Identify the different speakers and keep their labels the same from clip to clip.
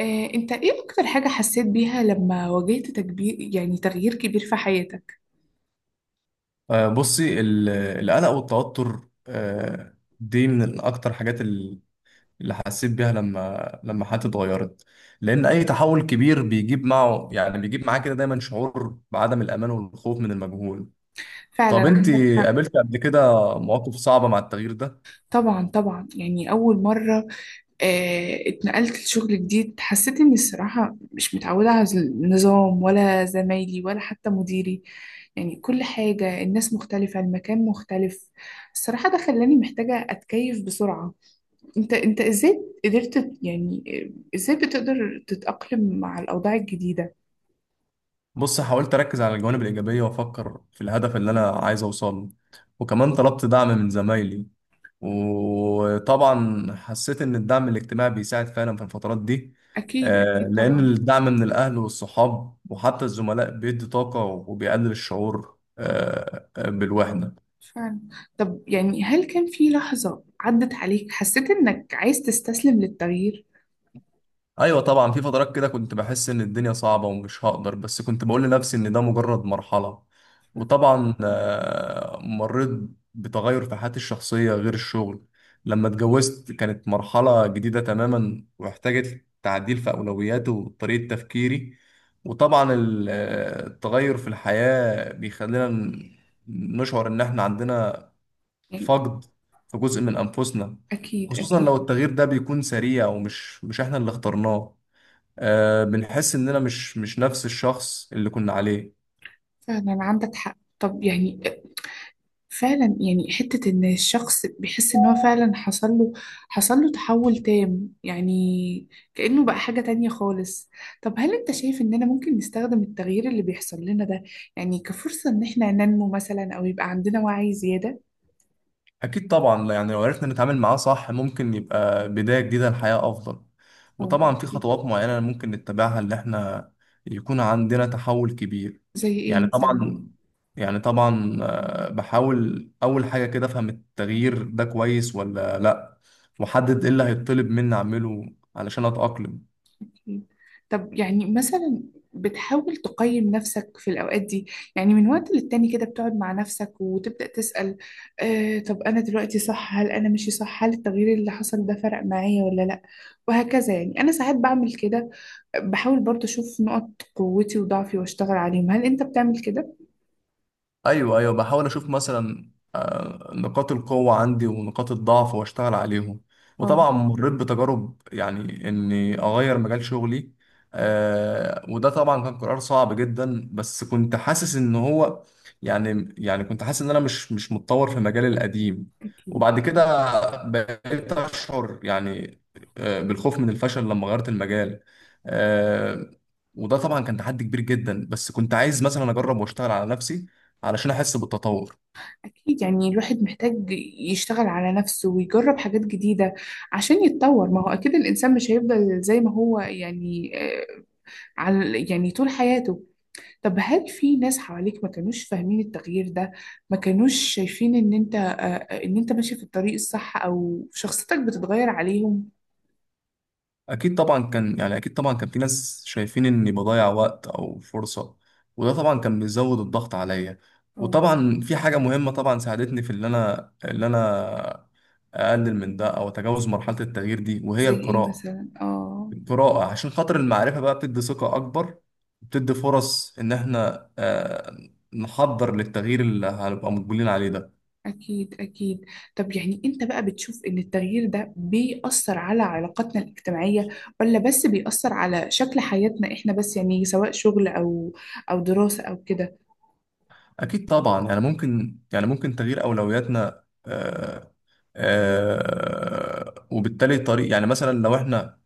Speaker 1: انت ايه اكتر حاجة حسيت بيها لما واجهت تكبير، يعني تغيير كبير في حياتك؟
Speaker 2: بصي القلق والتوتر. دي من اكتر حاجات. اللي حسيت بيها لما لما حياتي اتغيرت، لان اي تحول كبير بيجيب معه يعني بيجيب معاه كده دايما شعور بعدم الامان والخوف من المجهول. طب
Speaker 1: فعلا،
Speaker 2: انت
Speaker 1: عندك حق.
Speaker 2: قابلت قبل كده مواقف صعبة مع التغيير ده؟
Speaker 1: طبعا طبعا، يعني اول مرة اتنقلت لشغل جديد، حسيت اني الصراحة مش متعودة على النظام ولا زمايلي ولا حتى مديري. يعني كل حاجة، الناس مختلفة، المكان مختلف. الصراحة ده خلاني محتاجة اتكيف بسرعة. انت ازاي قدرت، يعني ازاي بتقدر تتأقلم مع الاوضاع الجديدة؟
Speaker 2: بص، حاولت اركز على الجوانب الايجابية وافكر في الهدف اللي انا عايز اوصله، وكمان طلبت دعم من زمايلي، وطبعا حسيت ان الدعم الاجتماعي بيساعد فعلا في الفترات دي.
Speaker 1: اكيد اكيد
Speaker 2: لان
Speaker 1: طبعا.
Speaker 2: الدعم من الاهل والصحاب وحتى الزملاء بيدي طاقة وبيقلل الشعور بالوحدة.
Speaker 1: فعلا. طب يعني، هل كان في لحظة عدت عليك حسيت إنك عايز تستسلم للتغيير؟
Speaker 2: ايوه طبعا، في فترات كده كنت بحس ان الدنيا صعبه ومش هقدر، بس كنت بقول لنفسي ان ده مجرد مرحله. وطبعا مريت بتغير في حياتي الشخصيه غير الشغل. لما اتجوزت كانت مرحله جديده تماما واحتاجت تعديل في اولوياتي وطريقه تفكيري. وطبعا التغير في الحياه بيخلينا نشعر ان احنا عندنا
Speaker 1: يعني
Speaker 2: فقد في جزء من انفسنا،
Speaker 1: أكيد
Speaker 2: خصوصا
Speaker 1: أكيد.
Speaker 2: لو التغيير ده بيكون سريع ومش مش احنا اللي اخترناه. آه، بنحس اننا مش نفس الشخص اللي كنا عليه.
Speaker 1: فعلا عندك حق. طب يعني، فعلا، يعني حتة إن الشخص بيحس إن هو فعلا حصل له تحول تام، يعني كأنه بقى حاجة تانية خالص. طب هل أنت شايف إننا ممكن نستخدم التغيير اللي بيحصل لنا ده يعني كفرصة إن إحنا ننمو مثلا أو يبقى عندنا وعي زيادة؟
Speaker 2: اكيد طبعا، يعني لو عرفنا نتعامل معاه صح ممكن يبقى بداية جديدة لحياة افضل.
Speaker 1: أو.
Speaker 2: وطبعا في خطوات معينة ممكن نتبعها ان احنا يكون عندنا تحول كبير.
Speaker 1: زي إيه
Speaker 2: يعني
Speaker 1: مثلا؟
Speaker 2: طبعا يعني طبعا, بحاول اول حاجة كده افهم التغيير ده كويس ولا لا، واحدد ايه اللي هيطلب مني اعمله علشان اتأقلم.
Speaker 1: طب يعني مثلا، بتحاول تقيم نفسك في الأوقات دي، يعني من وقت للتاني كده بتقعد مع نفسك وتبدأ تسأل، طب أنا دلوقتي صح، هل أنا ماشي صح، هل التغيير اللي حصل ده فرق معايا ولا لأ؟ وهكذا، يعني أنا ساعات بعمل كده، بحاول برضه أشوف نقط قوتي وضعفي وأشتغل عليهم. هل أنت بتعمل كده؟
Speaker 2: ايوه بحاول اشوف مثلا نقاط القوة عندي ونقاط الضعف واشتغل عليهم.
Speaker 1: اه.
Speaker 2: وطبعا مريت بتجارب يعني اني اغير مجال شغلي. وده طبعا كان قرار صعب جدا، بس كنت حاسس ان هو يعني كنت حاسس ان انا مش متطور في مجالي القديم.
Speaker 1: أكيد
Speaker 2: وبعد كده بقيت اشعر يعني بالخوف من الفشل لما غيرت المجال. آه، وده طبعا كان تحدي كبير جدا، بس كنت عايز مثلا اجرب واشتغل على نفسي علشان احس بالتطور.
Speaker 1: أكيد، يعني الواحد محتاج يشتغل على نفسه ويجرب حاجات جديدة عشان يتطور. ما هو أكيد الإنسان مش هيفضل زي ما هو، يعني على يعني طول حياته. طب هل في ناس حواليك ما كانوش فاهمين التغيير ده، ما كانوش شايفين ان انت ماشي في الطريق الصح او شخصيتك بتتغير عليهم؟
Speaker 2: اكيد طبعا، كان يعني اكيد طبعا كان في ناس شايفين اني بضيع وقت او فرصة، وده طبعا كان بيزود الضغط عليا.
Speaker 1: اه.
Speaker 2: وطبعا في حاجة مهمة طبعا ساعدتني في اللي انا اقلل من ده او اتجاوز مرحلة التغيير دي، وهي
Speaker 1: زي ايه
Speaker 2: القراءة.
Speaker 1: مثلا؟ اه.
Speaker 2: القراءة عشان خاطر المعرفة بقى بتدي ثقة اكبر، بتدي فرص ان احنا نحضر للتغيير اللي هنبقى مقبلين عليه ده.
Speaker 1: اكيد اكيد. طب يعني، انت بقى بتشوف ان التغيير ده بيأثر على علاقاتنا الاجتماعية ولا بس بيأثر على شكل حياتنا احنا بس، يعني سواء شغل او دراسة او كده؟
Speaker 2: أكيد طبعا، يعني ممكن تغيير أولوياتنا. وبالتالي طريق، يعني مثلا لو إحنا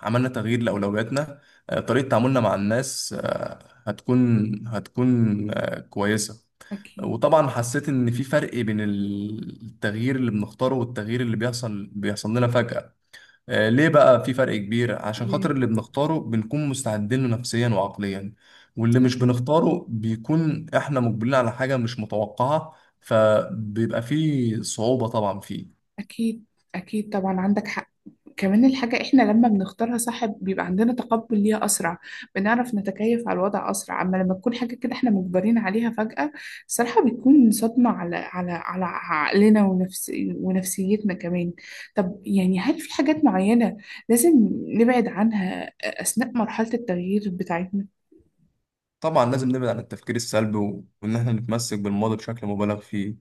Speaker 2: عملنا تغيير لأولوياتنا، طريقة تعاملنا مع الناس آه هتكون هتكون آه كويسة.
Speaker 1: اكيد.
Speaker 2: وطبعا حسيت إن في فرق بين التغيير اللي بنختاره والتغيير اللي بيحصل لنا فجأة. ليه بقى في فرق كبير؟ عشان
Speaker 1: ليه؟
Speaker 2: خاطر اللي بنختاره بنكون مستعدين له نفسيا وعقليا، واللي
Speaker 1: صح.
Speaker 2: مش بنختاره بيكون احنا مقبلين على حاجة مش متوقعة، فبيبقى فيه صعوبة طبعا فيه.
Speaker 1: اكيد اكيد طبعا، عندك حق. كمان الحاجة إحنا لما بنختارها صح بيبقى عندنا تقبل ليها أسرع، بنعرف نتكيف على الوضع أسرع. أما لما تكون حاجة كده إحنا مجبرين عليها فجأة، صراحة بتكون صدمة على عقلنا ونفسيتنا كمان. طب يعني، هل في حاجات معينة لازم نبعد عنها أثناء مرحلة التغيير بتاعتنا؟
Speaker 2: طبعا لازم نبعد عن التفكير السلبي وان احنا نتمسك بالماضي بشكل مبالغ فيه.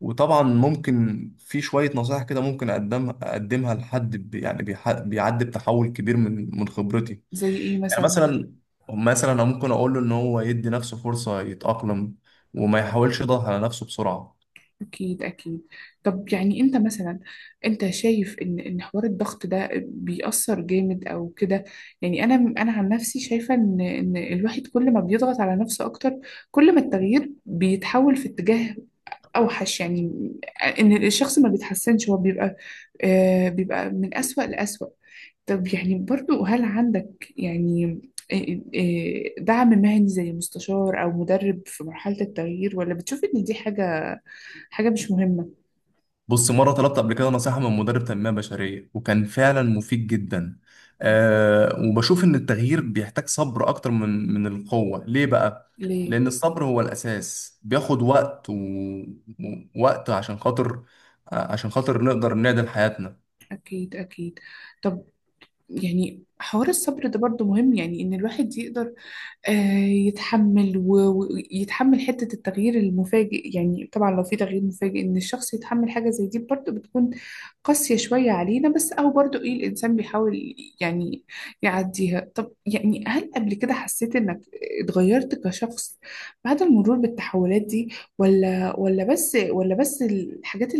Speaker 2: وطبعا ممكن في شوية نصائح كده ممكن اقدمها لحد بيعدي بتحول كبير من خبرتي.
Speaker 1: زي إيه
Speaker 2: يعني
Speaker 1: مثلا؟
Speaker 2: مثلا، مثلا انا ممكن اقول له ان هو يدي نفسه فرصه يتاقلم، وما يحاولش يضغط على نفسه بسرعه.
Speaker 1: أكيد أكيد. طب يعني أنت مثلا، أنت شايف إن حوار الضغط ده بيأثر جامد أو كده؟ يعني أنا عن نفسي شايفة إن الواحد كل ما بيضغط على نفسه أكتر، كل ما التغيير بيتحول في اتجاه أوحش، يعني إن الشخص ما بيتحسنش، هو بيبقى بيبقى من أسوأ لأسوأ. طب يعني برضو، هل عندك يعني آه، دعم مهني زي مستشار أو مدرب في مرحلة التغيير، ولا بتشوف إن دي حاجة مش مهمة؟
Speaker 2: بص، مره طلبت قبل كده نصيحه من مدرب تنميه بشريه، وكان فعلا مفيد جدا. أه، وبشوف ان التغيير بيحتاج صبر اكتر من القوه. ليه بقى؟
Speaker 1: ليه؟
Speaker 2: لان الصبر هو الاساس، بياخد وقت ووقت عشان خاطر عشان خاطر نقدر نعدل حياتنا.
Speaker 1: أكيد أكيد. طب يعني حوار الصبر ده برضو مهم، يعني إن الواحد يقدر آه، يتحمل و- ويتحمل حتة التغيير المفاجئ. يعني طبعا لو في تغيير مفاجئ إن الشخص يتحمل حاجة زي دي برضو بتكون قاسية شوية علينا، بس أو برضو إيه، الإنسان بيحاول يعني يعديها. طب يعني هل قبل كده حسيت إنك اتغيرت كشخص بعد المرور بالتحولات دي، ولا بس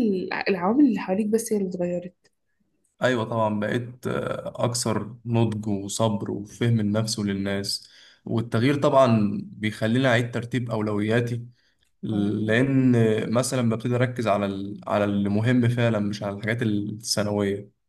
Speaker 1: العوامل اللي حواليك بس هي اللي اتغيرت؟
Speaker 2: ايوه طبعا، بقيت اكثر نضج وصبر وفهم النفس وللناس. والتغيير طبعا بيخليني اعيد ترتيب اولوياتي،
Speaker 1: آه، آه.
Speaker 2: لان مثلا ببتدي اركز على اللي مهم فعلا مش على الحاجات الثانويه.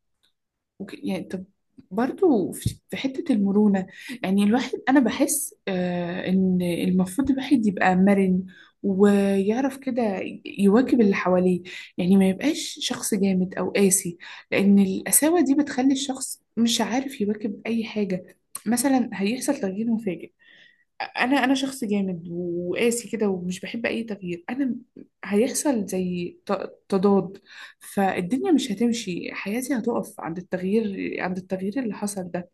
Speaker 1: اوكي يعني طب، برضو في حتة المرونة، يعني الواحد، أنا بحس إن المفروض الواحد يبقى مرن ويعرف كده يواكب اللي حواليه، يعني ما يبقاش شخص جامد أو قاسي، لأن القساوة دي بتخلي الشخص مش عارف يواكب أي حاجة. مثلا هيحصل تغيير مفاجئ، انا شخص جامد وقاسي كده ومش بحب اي تغيير، انا هيحصل زي تضاد، فالدنيا مش هتمشي، حياتي هتقف عند التغيير اللي حصل ده.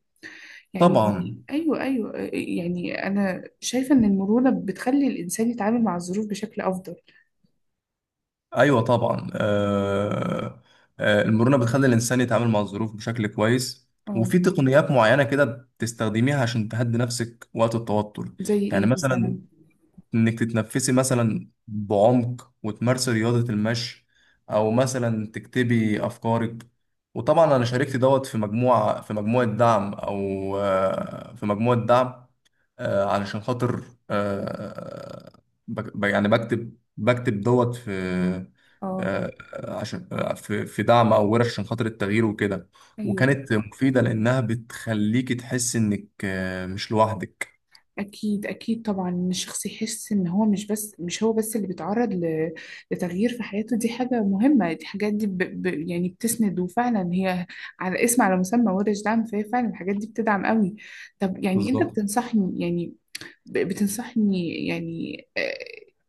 Speaker 1: يعني
Speaker 2: طبعا.
Speaker 1: ايوه، ايوه، يعني انا شايفة ان المرونة بتخلي الانسان يتعامل مع الظروف بشكل افضل.
Speaker 2: ايوه طبعا، المرونه بتخلي الانسان يتعامل مع الظروف بشكل كويس.
Speaker 1: اه.
Speaker 2: وفي تقنيات معينه كده بتستخدميها عشان تهدي نفسك وقت التوتر.
Speaker 1: زي
Speaker 2: يعني
Speaker 1: ايه
Speaker 2: مثلا،
Speaker 1: مثلا؟
Speaker 2: انك تتنفسي مثلا بعمق، وتمارسي رياضة المشي، او مثلا تكتبي افكارك. وطبعا انا شاركت دوت في مجموعة في مجموعة دعم او آه، في مجموعة دعم آه، علشان خاطر آه، بكتب دوت في
Speaker 1: اه.
Speaker 2: آه، عشان في في دعم او ورش عشان خاطر التغيير وكده.
Speaker 1: ايوه.
Speaker 2: وكانت مفيدة لانها بتخليكي تحسي انك مش لوحدك.
Speaker 1: أكيد أكيد طبعا، إن الشخص يحس إن هو مش هو بس اللي بيتعرض لتغيير في حياته، دي حاجة مهمة، دي حاجات دي يعني بتسند، وفعلا هي على مسمى ورش دعم، فهي فعلا الحاجات دي بتدعم قوي. طب يعني أنت
Speaker 2: بالظبط.
Speaker 1: بتنصحني، يعني بتنصحني يعني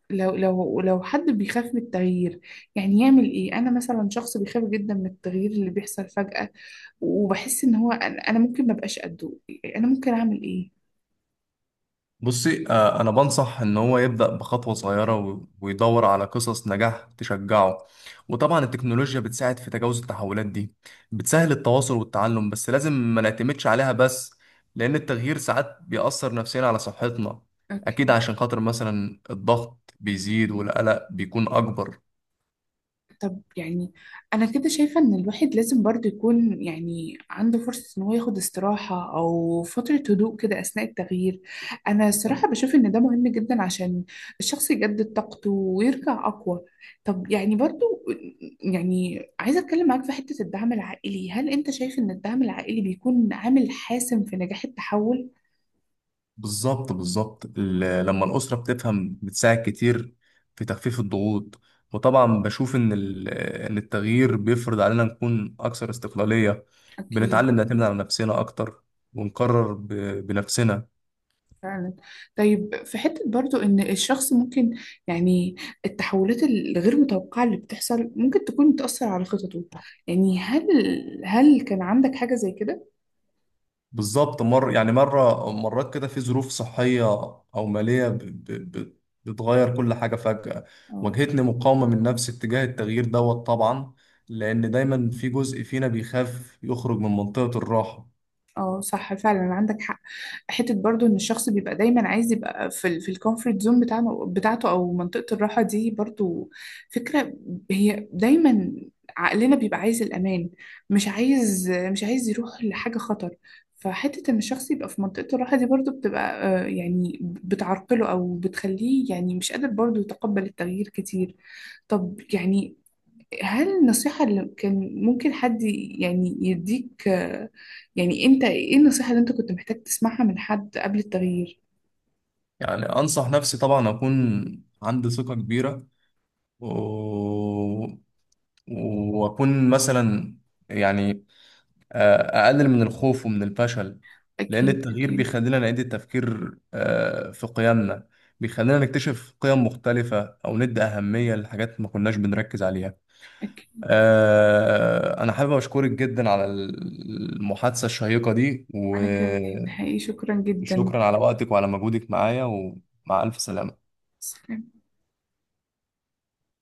Speaker 1: لو لو حد بيخاف من التغيير يعني يعمل إيه؟ أنا مثلا شخص بيخاف جدا من التغيير اللي بيحصل فجأة، وبحس إن هو، أنا ممكن مبقاش قده، أنا ممكن أعمل إيه؟
Speaker 2: بصي، أنا بنصح إن هو يبدأ بخطوة صغيرة ويدور على قصص نجاح تشجعه. وطبعا التكنولوجيا بتساعد في تجاوز التحولات دي، بتسهل التواصل والتعلم، بس لازم ما نعتمدش عليها بس، لأن التغيير ساعات بيأثر نفسيا على صحتنا. أكيد،
Speaker 1: أوكي.
Speaker 2: عشان خاطر مثلا الضغط بيزيد والقلق بيكون أكبر.
Speaker 1: طب يعني أنا كده شايفة إن الواحد لازم برضه يكون يعني عنده فرصة إن هو ياخد استراحة أو فترة هدوء كده أثناء التغيير. أنا الصراحة بشوف إن ده مهم جدا عشان الشخص يجدد طاقته ويرجع أقوى. طب يعني برضه، يعني عايزة أتكلم معاك في حتة الدعم العائلي. هل أنت شايف إن الدعم العائلي بيكون عامل حاسم في نجاح التحول؟
Speaker 2: بالظبط لما الأسرة بتفهم بتساعد كتير في تخفيف الضغوط. وطبعا بشوف إن إن التغيير بيفرض علينا نكون أكثر استقلالية.
Speaker 1: أكيد.
Speaker 2: بنتعلم نعتمد على نفسنا أكتر، ونقرر بنفسنا.
Speaker 1: فعلا. طيب، في حتة برضو إن الشخص ممكن يعني، التحولات الغير متوقعة اللي بتحصل ممكن تكون بتأثر على خططه، يعني هل كان عندك حاجة زي كده؟
Speaker 2: بالظبط. مر يعني مرة مرات كده في ظروف صحية أو مالية ب- ب- بتغير كل حاجة فجأة، واجهتني مقاومة من نفسي اتجاه التغيير دوت طبعا، لأن دايما في جزء فينا بيخاف يخرج من منطقة الراحة.
Speaker 1: اه صح، فعلا عندك حق. حته برضو ان الشخص بيبقى دايما عايز يبقى في في الكومفورت زون بتاعته، او منطقه الراحه دي، برضو فكره، هي دايما عقلنا بيبقى عايز الامان، مش عايز يروح لحاجه خطر. فحته ان الشخص يبقى في منطقه الراحه دي برضو بتبقى يعني بتعرقله او بتخليه يعني مش قادر برضو يتقبل التغيير كتير. طب يعني، هل النصيحة اللي كان ممكن حد يعني يديك يعني انت ايه النصيحة اللي انت كنت محتاج تسمعها من حد قبل التغيير؟
Speaker 2: يعني أنصح نفسي طبعا أكون عندي ثقة كبيرة، و... وأكون مثلا يعني أقلل من الخوف ومن الفشل، لأن
Speaker 1: أكيد
Speaker 2: التغيير
Speaker 1: أكيد
Speaker 2: بيخلينا نعيد التفكير في قيمنا، بيخلينا نكتشف قيم مختلفة أو ندي أهمية لحاجات ما كناش بنركز عليها.
Speaker 1: أكيد.
Speaker 2: أنا حابب أشكرك جدا على المحادثة الشيقة دي،
Speaker 1: أنا كمان نهائي شكرا جدا.
Speaker 2: وشكرا على وقتك وعلى مجهودك معايا، ومع ألف سلامة.